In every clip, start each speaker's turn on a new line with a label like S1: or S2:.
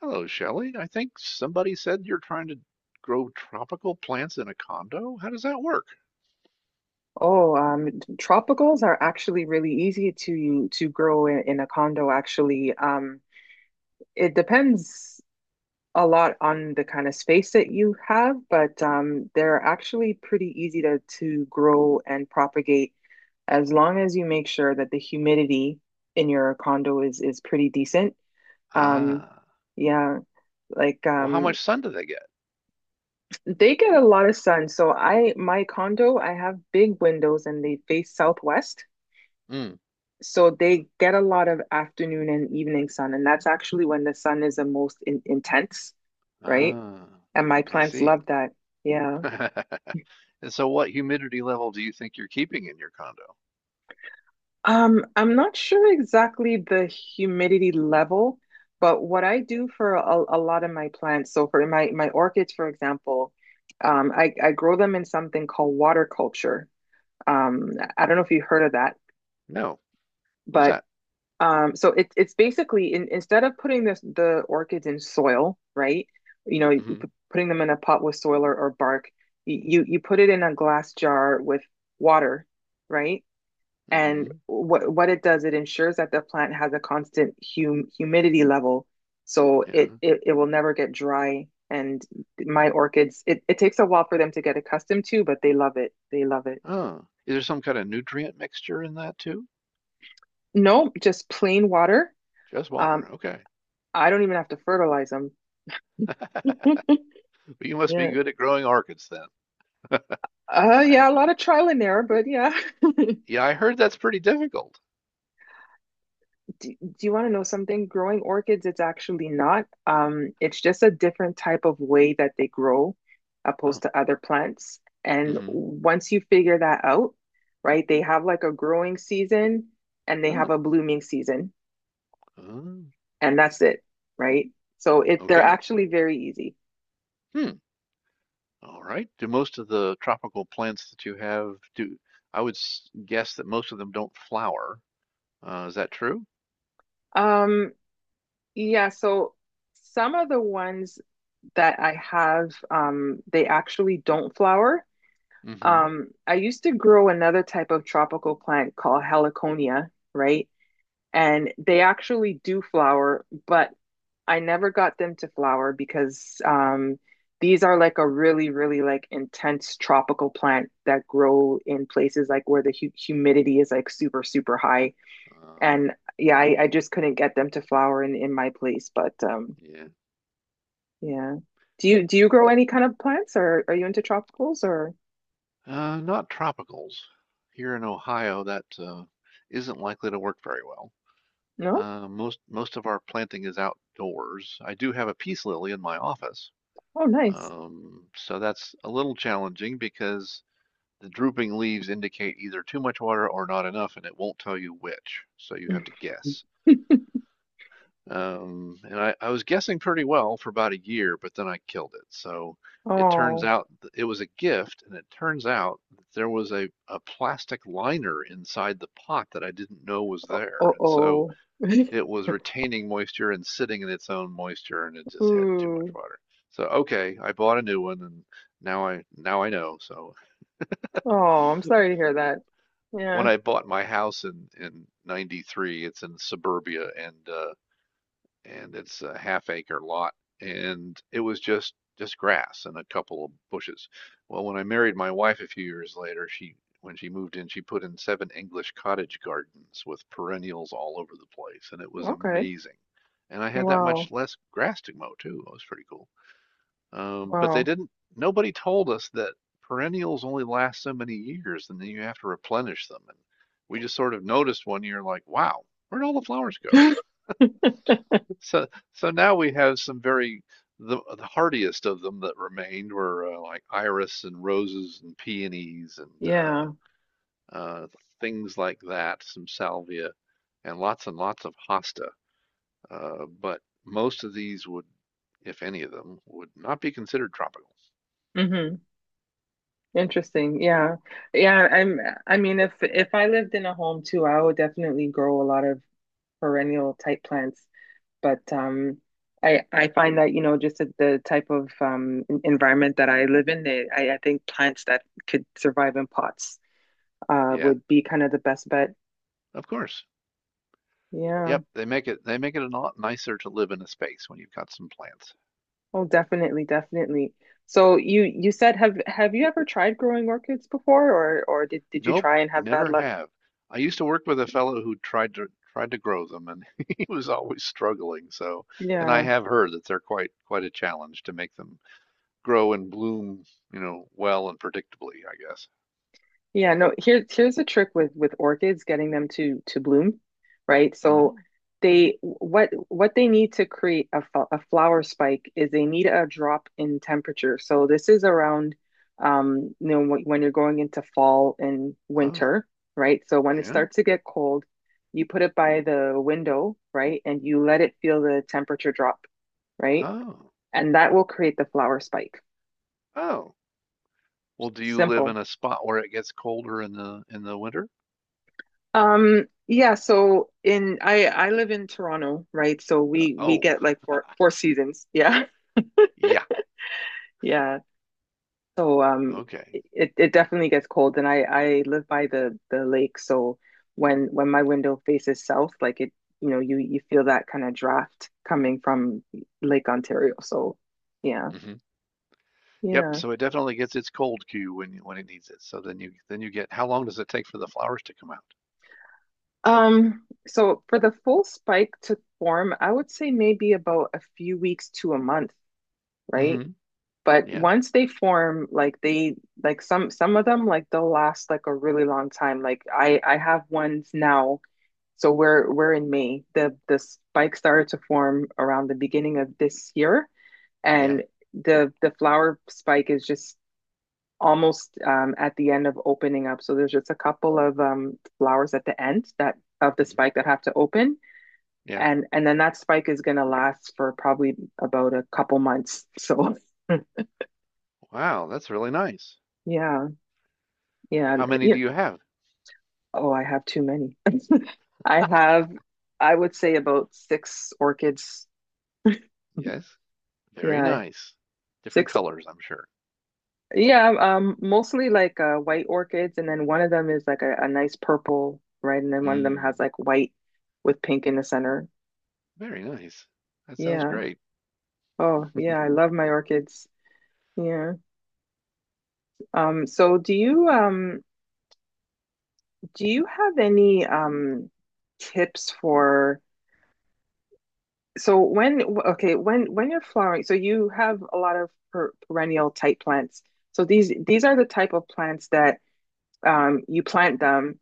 S1: Hello, Shelley. I think somebody said you're trying to grow tropical plants in a condo. How does that work?
S2: Oh, tropicals are actually really easy to grow in a condo, actually. It depends a lot on the kind of space that you have, but they're actually pretty easy to grow and propagate as long as you make sure that the humidity in your condo is pretty decent. Um,
S1: Ah,
S2: yeah, like,
S1: well, how much sun do they get?
S2: they get a lot of sun. So I my condo, I have big windows and they face southwest.
S1: Mm.
S2: So they get a lot of afternoon and evening sun, and that's actually when the sun is the most in intense, right?
S1: Ah,
S2: And my
S1: I
S2: plants
S1: see.
S2: love that. Yeah.
S1: And so what humidity level do you think you're keeping in your condo?
S2: I'm not sure exactly the humidity level, but what I do for a lot of my plants, so for my orchids, for example, I grow them in something called water culture. I don't know if you heard of that,
S1: No. What's
S2: but
S1: that?
S2: So it's basically instead of putting the orchids in soil, right? You know,
S1: Mm
S2: you
S1: hmm.
S2: p- putting them in a pot with soil or bark, you put it in a glass jar with water, right?
S1: Mm
S2: And
S1: hmm.
S2: what it does, it ensures that the plant has a constant humidity level, so
S1: Yeah.
S2: it will never get dry. And my orchids, it takes a while for them to get accustomed to, but they love it. They love it.
S1: Oh, is there some kind of nutrient mixture in that too?
S2: No, just plain water.
S1: Just
S2: Um,
S1: water. Okay.
S2: I don't even have to fertilize them.
S1: But you must be
S2: Yeah.
S1: good at growing orchids then. I
S2: Yeah, a lot of trial and error, but yeah.
S1: Yeah, I heard that's pretty difficult.
S2: Do you want to know something? Growing orchids, it's actually not. It's just a different type of way that they grow
S1: Oh.
S2: opposed to other plants.
S1: Mm
S2: And
S1: hmm.
S2: once you figure that out, right, they have like a growing season and they have
S1: Oh.
S2: a blooming season,
S1: Oh.
S2: and that's it, right? So it they're
S1: Okay.
S2: actually very easy.
S1: Hmm. All right. Do most of the tropical plants that you have do, I would guess that most of them don't flower. Is that true?
S2: Um, yeah, so some of the ones that I have, they actually don't flower.
S1: Mm-hmm.
S2: I used to grow another type of tropical plant called heliconia, right? And they actually do flower, but I never got them to flower because, these are like a really, really like intense tropical plant that grow in places like where the hu humidity is like super, super high.
S1: Uh,
S2: And yeah, I just couldn't get them to flower in my place. But
S1: yeah.
S2: yeah, do you grow
S1: It-
S2: any kind of plants, or are you into tropicals, or
S1: Not tropicals. Here in Ohio, that isn't likely to work very well.
S2: no?
S1: Most of our planting is outdoors. I do have a peace lily in my office,
S2: Oh, nice.
S1: so that's a little challenging because the drooping leaves indicate either too much water or not enough, and it won't tell you which, so you have to guess. And I was guessing pretty well for about a year, but then I killed it. So it turns
S2: Oh,
S1: out it was a gift, and it turns out that there was a plastic liner inside the pot that I didn't know was there.
S2: oh,
S1: And so
S2: oh.
S1: it was retaining moisture and sitting in its own moisture, and it just had too much
S2: Ooh.
S1: water. So okay, I bought a new one, and now I know. So
S2: Oh, I'm sorry to hear that.
S1: when
S2: Yeah.
S1: I bought my house in 93, it's in suburbia, and it's a half acre lot, and it was just grass and a couple of bushes. Well, when I married my wife a few years later, she, when she moved in, she put in seven English cottage gardens with perennials all over the place, and it was
S2: Okay.
S1: amazing. And I had that much
S2: Wow.
S1: less grass to mow too. It was pretty cool. But they
S2: Wow.
S1: didn't, nobody told us that perennials only last so many years and then you have to replenish them. And we just sort of noticed one year, like, wow, where'd all the flowers go? so, so now we have some very, the hardiest of them that remained were like iris and roses and peonies and
S2: Yeah.
S1: uh, things like that, some salvia and lots of hosta. But most of these would, if any of them, would not be considered tropical.
S2: hmm Interesting. Yeah. Yeah, I mean if I lived in a home too, I would definitely grow a lot of perennial type plants. But I find that just the type of environment that I live in, they, I think plants that could survive in pots
S1: Yeah,
S2: would be kind of the best bet.
S1: of course.
S2: Yeah.
S1: Yep, they make it a lot nicer to live in a space when you've got some plants.
S2: Oh, definitely, definitely. So you said have you ever tried growing orchids before or did you
S1: Nope,
S2: try and
S1: I
S2: have bad
S1: never
S2: luck?
S1: have. I used to work with a fellow who tried to grow them, and he was always struggling. So, and I
S2: Yeah.
S1: have heard that they're quite a challenge to make them grow and bloom, you know, well and predictably, I guess.
S2: Yeah, no, here's a trick with orchids, getting them to bloom, right? So
S1: Hmm.
S2: they what they need to create a flower spike is they need a drop in temperature. So this is around, you know, when you're going into fall and
S1: Oh,
S2: winter, right? So when it
S1: yeah.
S2: starts to get cold, you put it by the window, right? And you let it feel the temperature drop, right?
S1: Oh.
S2: And that will create the flower spike.
S1: Oh. Well, do you live
S2: Simple.
S1: in a spot where it gets colder in the winter?
S2: Yeah, so in I live in Toronto, right? So we
S1: Oh,
S2: get like four seasons. Yeah.
S1: yeah.
S2: Yeah. So
S1: Okay.
S2: it definitely gets cold and I live by the lake, so when my window faces south, like you feel that kind of draft coming from Lake Ontario. So yeah.
S1: Hmm. Yep,
S2: Yeah.
S1: so it definitely gets its cold cue when when it needs it. So then you get, how long does it take for the flowers to come out?
S2: So for the full spike to form, I would say maybe about a few weeks to a month, right?
S1: Hmm.
S2: But
S1: Yeah.
S2: once they form, like some of them like they'll last like a really long time. Like I have ones now. So we're in May. The spike started to form around the beginning of this year,
S1: Yeah.
S2: and the flower spike is just almost, at the end of opening up. So there's just a couple of, flowers at the end that of the
S1: Hmm.
S2: spike that have to open,
S1: Yeah.
S2: and then that spike is gonna last for probably about a couple months. So
S1: Wow, that's really nice.
S2: yeah, yeah,
S1: How many
S2: yeah.
S1: do you have?
S2: Oh, I have too many. I have, I would say about six orchids.
S1: Yes. Very
S2: Yeah,
S1: nice. Different
S2: six.
S1: colors, I'm sure.
S2: Yeah, mostly like, white orchids, and then one of them is like a nice purple, right? And then one of them has
S1: Mm,
S2: like white with pink in the center.
S1: very nice. That sounds
S2: Yeah.
S1: great.
S2: Oh, yeah, I love my orchids. Yeah. So do you have any tips for. So when, okay, when you're flowering, so you have a lot of perennial type plants. So these are the type of plants that you plant them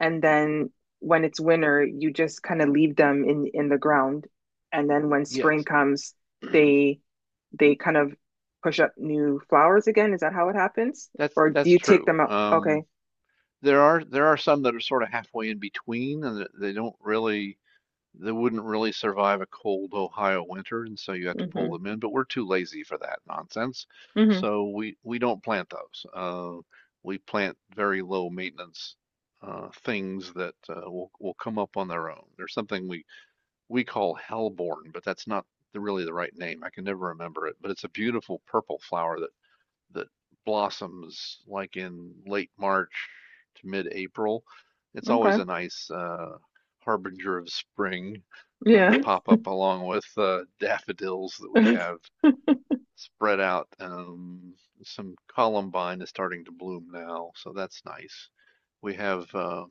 S2: and then when it's winter, you just kind of leave them in the ground and then when spring
S1: Yes,
S2: comes, they they kind of push up new flowers again. Is that how it happens? Or do
S1: that's
S2: you take
S1: true.
S2: them out? Okay.
S1: There are some that are sort of halfway in between, and that they don't really. They wouldn't really survive a cold Ohio winter, and so you have to pull
S2: Mm-hmm.
S1: them in, but we're too lazy for that nonsense. So we don't plant those. We plant very low maintenance things that will come up on their own. There's something we call hellebore, but that's not really the right name. I can never remember it, but it's a beautiful purple flower that that blossoms like in late March to mid-April. It's
S2: Mm-hmm.
S1: always
S2: Okay.
S1: a nice harbinger of spring
S2: Yeah.
S1: that pop up along with daffodils that we have spread out. Some columbine is starting to bloom now, so that's nice. We have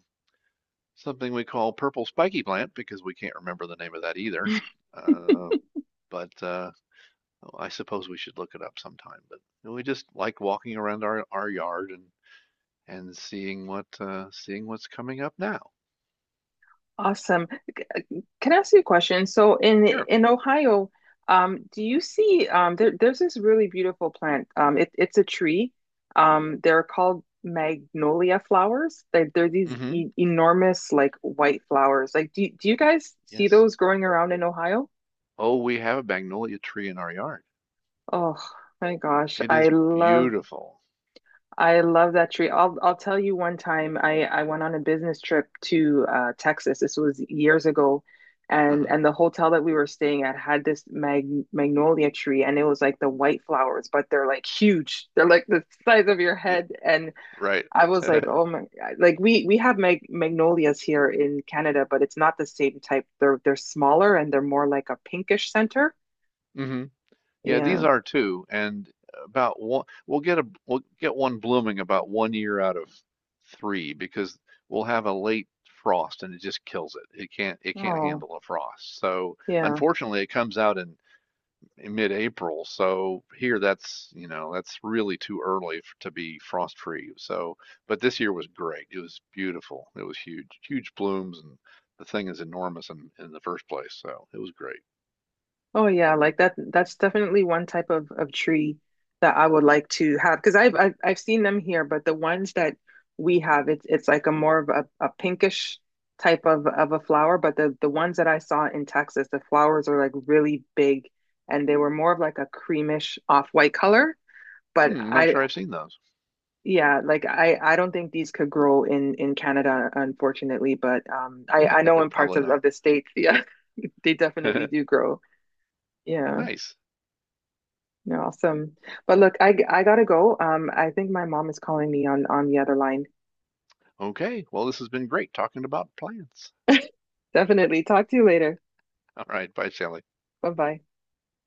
S1: something we call purple spiky plant because we can't remember the name of that either. Uh, but I suppose we should look it up sometime. But we just like walking around our yard and seeing what seeing what's coming up now.
S2: Awesome. C- uh, Can I ask you a question? So
S1: Sure.
S2: in Ohio, do you see, there's this really beautiful plant. It's a tree. They're called magnolia flowers. They're these e
S1: Mm-hmm.
S2: enormous like white flowers. Like, do you guys see
S1: Yes.
S2: those growing around in Ohio?
S1: Oh, we have a magnolia tree in our yard.
S2: Oh my gosh,
S1: It is beautiful.
S2: I love that tree. I'll tell you one time I went on a business trip to, Texas. This was years ago,
S1: Uh-huh.
S2: and the hotel that we were staying at had this magnolia tree, and it was like the white flowers, but they're like huge. They're like the size of your
S1: Yeah,
S2: head. And
S1: right.
S2: I was like, oh my, like we have magnolias here in Canada, but it's not the same type. They're smaller and they're more like a pinkish center.
S1: Hmm. Yeah, these
S2: Yeah.
S1: are too, and about one, we'll get a we'll get one blooming about one year out of three because we'll have a late frost and it just kills it. It can't
S2: Oh,
S1: handle a frost. So
S2: yeah.
S1: unfortunately, it comes out in mid-April. So here, that's, you know, that's really too early to be frost-free. So, but this year was great. It was beautiful. It was huge, huge blooms, and the thing is enormous in the first place. So it was great.
S2: Oh yeah, like that's definitely one type of tree that I would like to have because I've seen them here, but the ones that we have, it's like a more of a pinkish type of a flower, but the ones that I saw in Texas, the flowers are like really big and they were more of like a creamish off-white color, but
S1: Hmm, not
S2: I
S1: sure I've seen those.
S2: yeah, like I don't think these could grow in Canada unfortunately, but I know in parts
S1: Probably
S2: of
S1: not.
S2: the States, yeah, they definitely do grow. Yeah.
S1: Nice.
S2: You're awesome. But look, I gotta go. I think my mom is calling me on the other line.
S1: Okay. Well, this has been great talking about plants.
S2: Definitely. Talk to you later.
S1: All right. Bye, Shelley.
S2: Bye bye.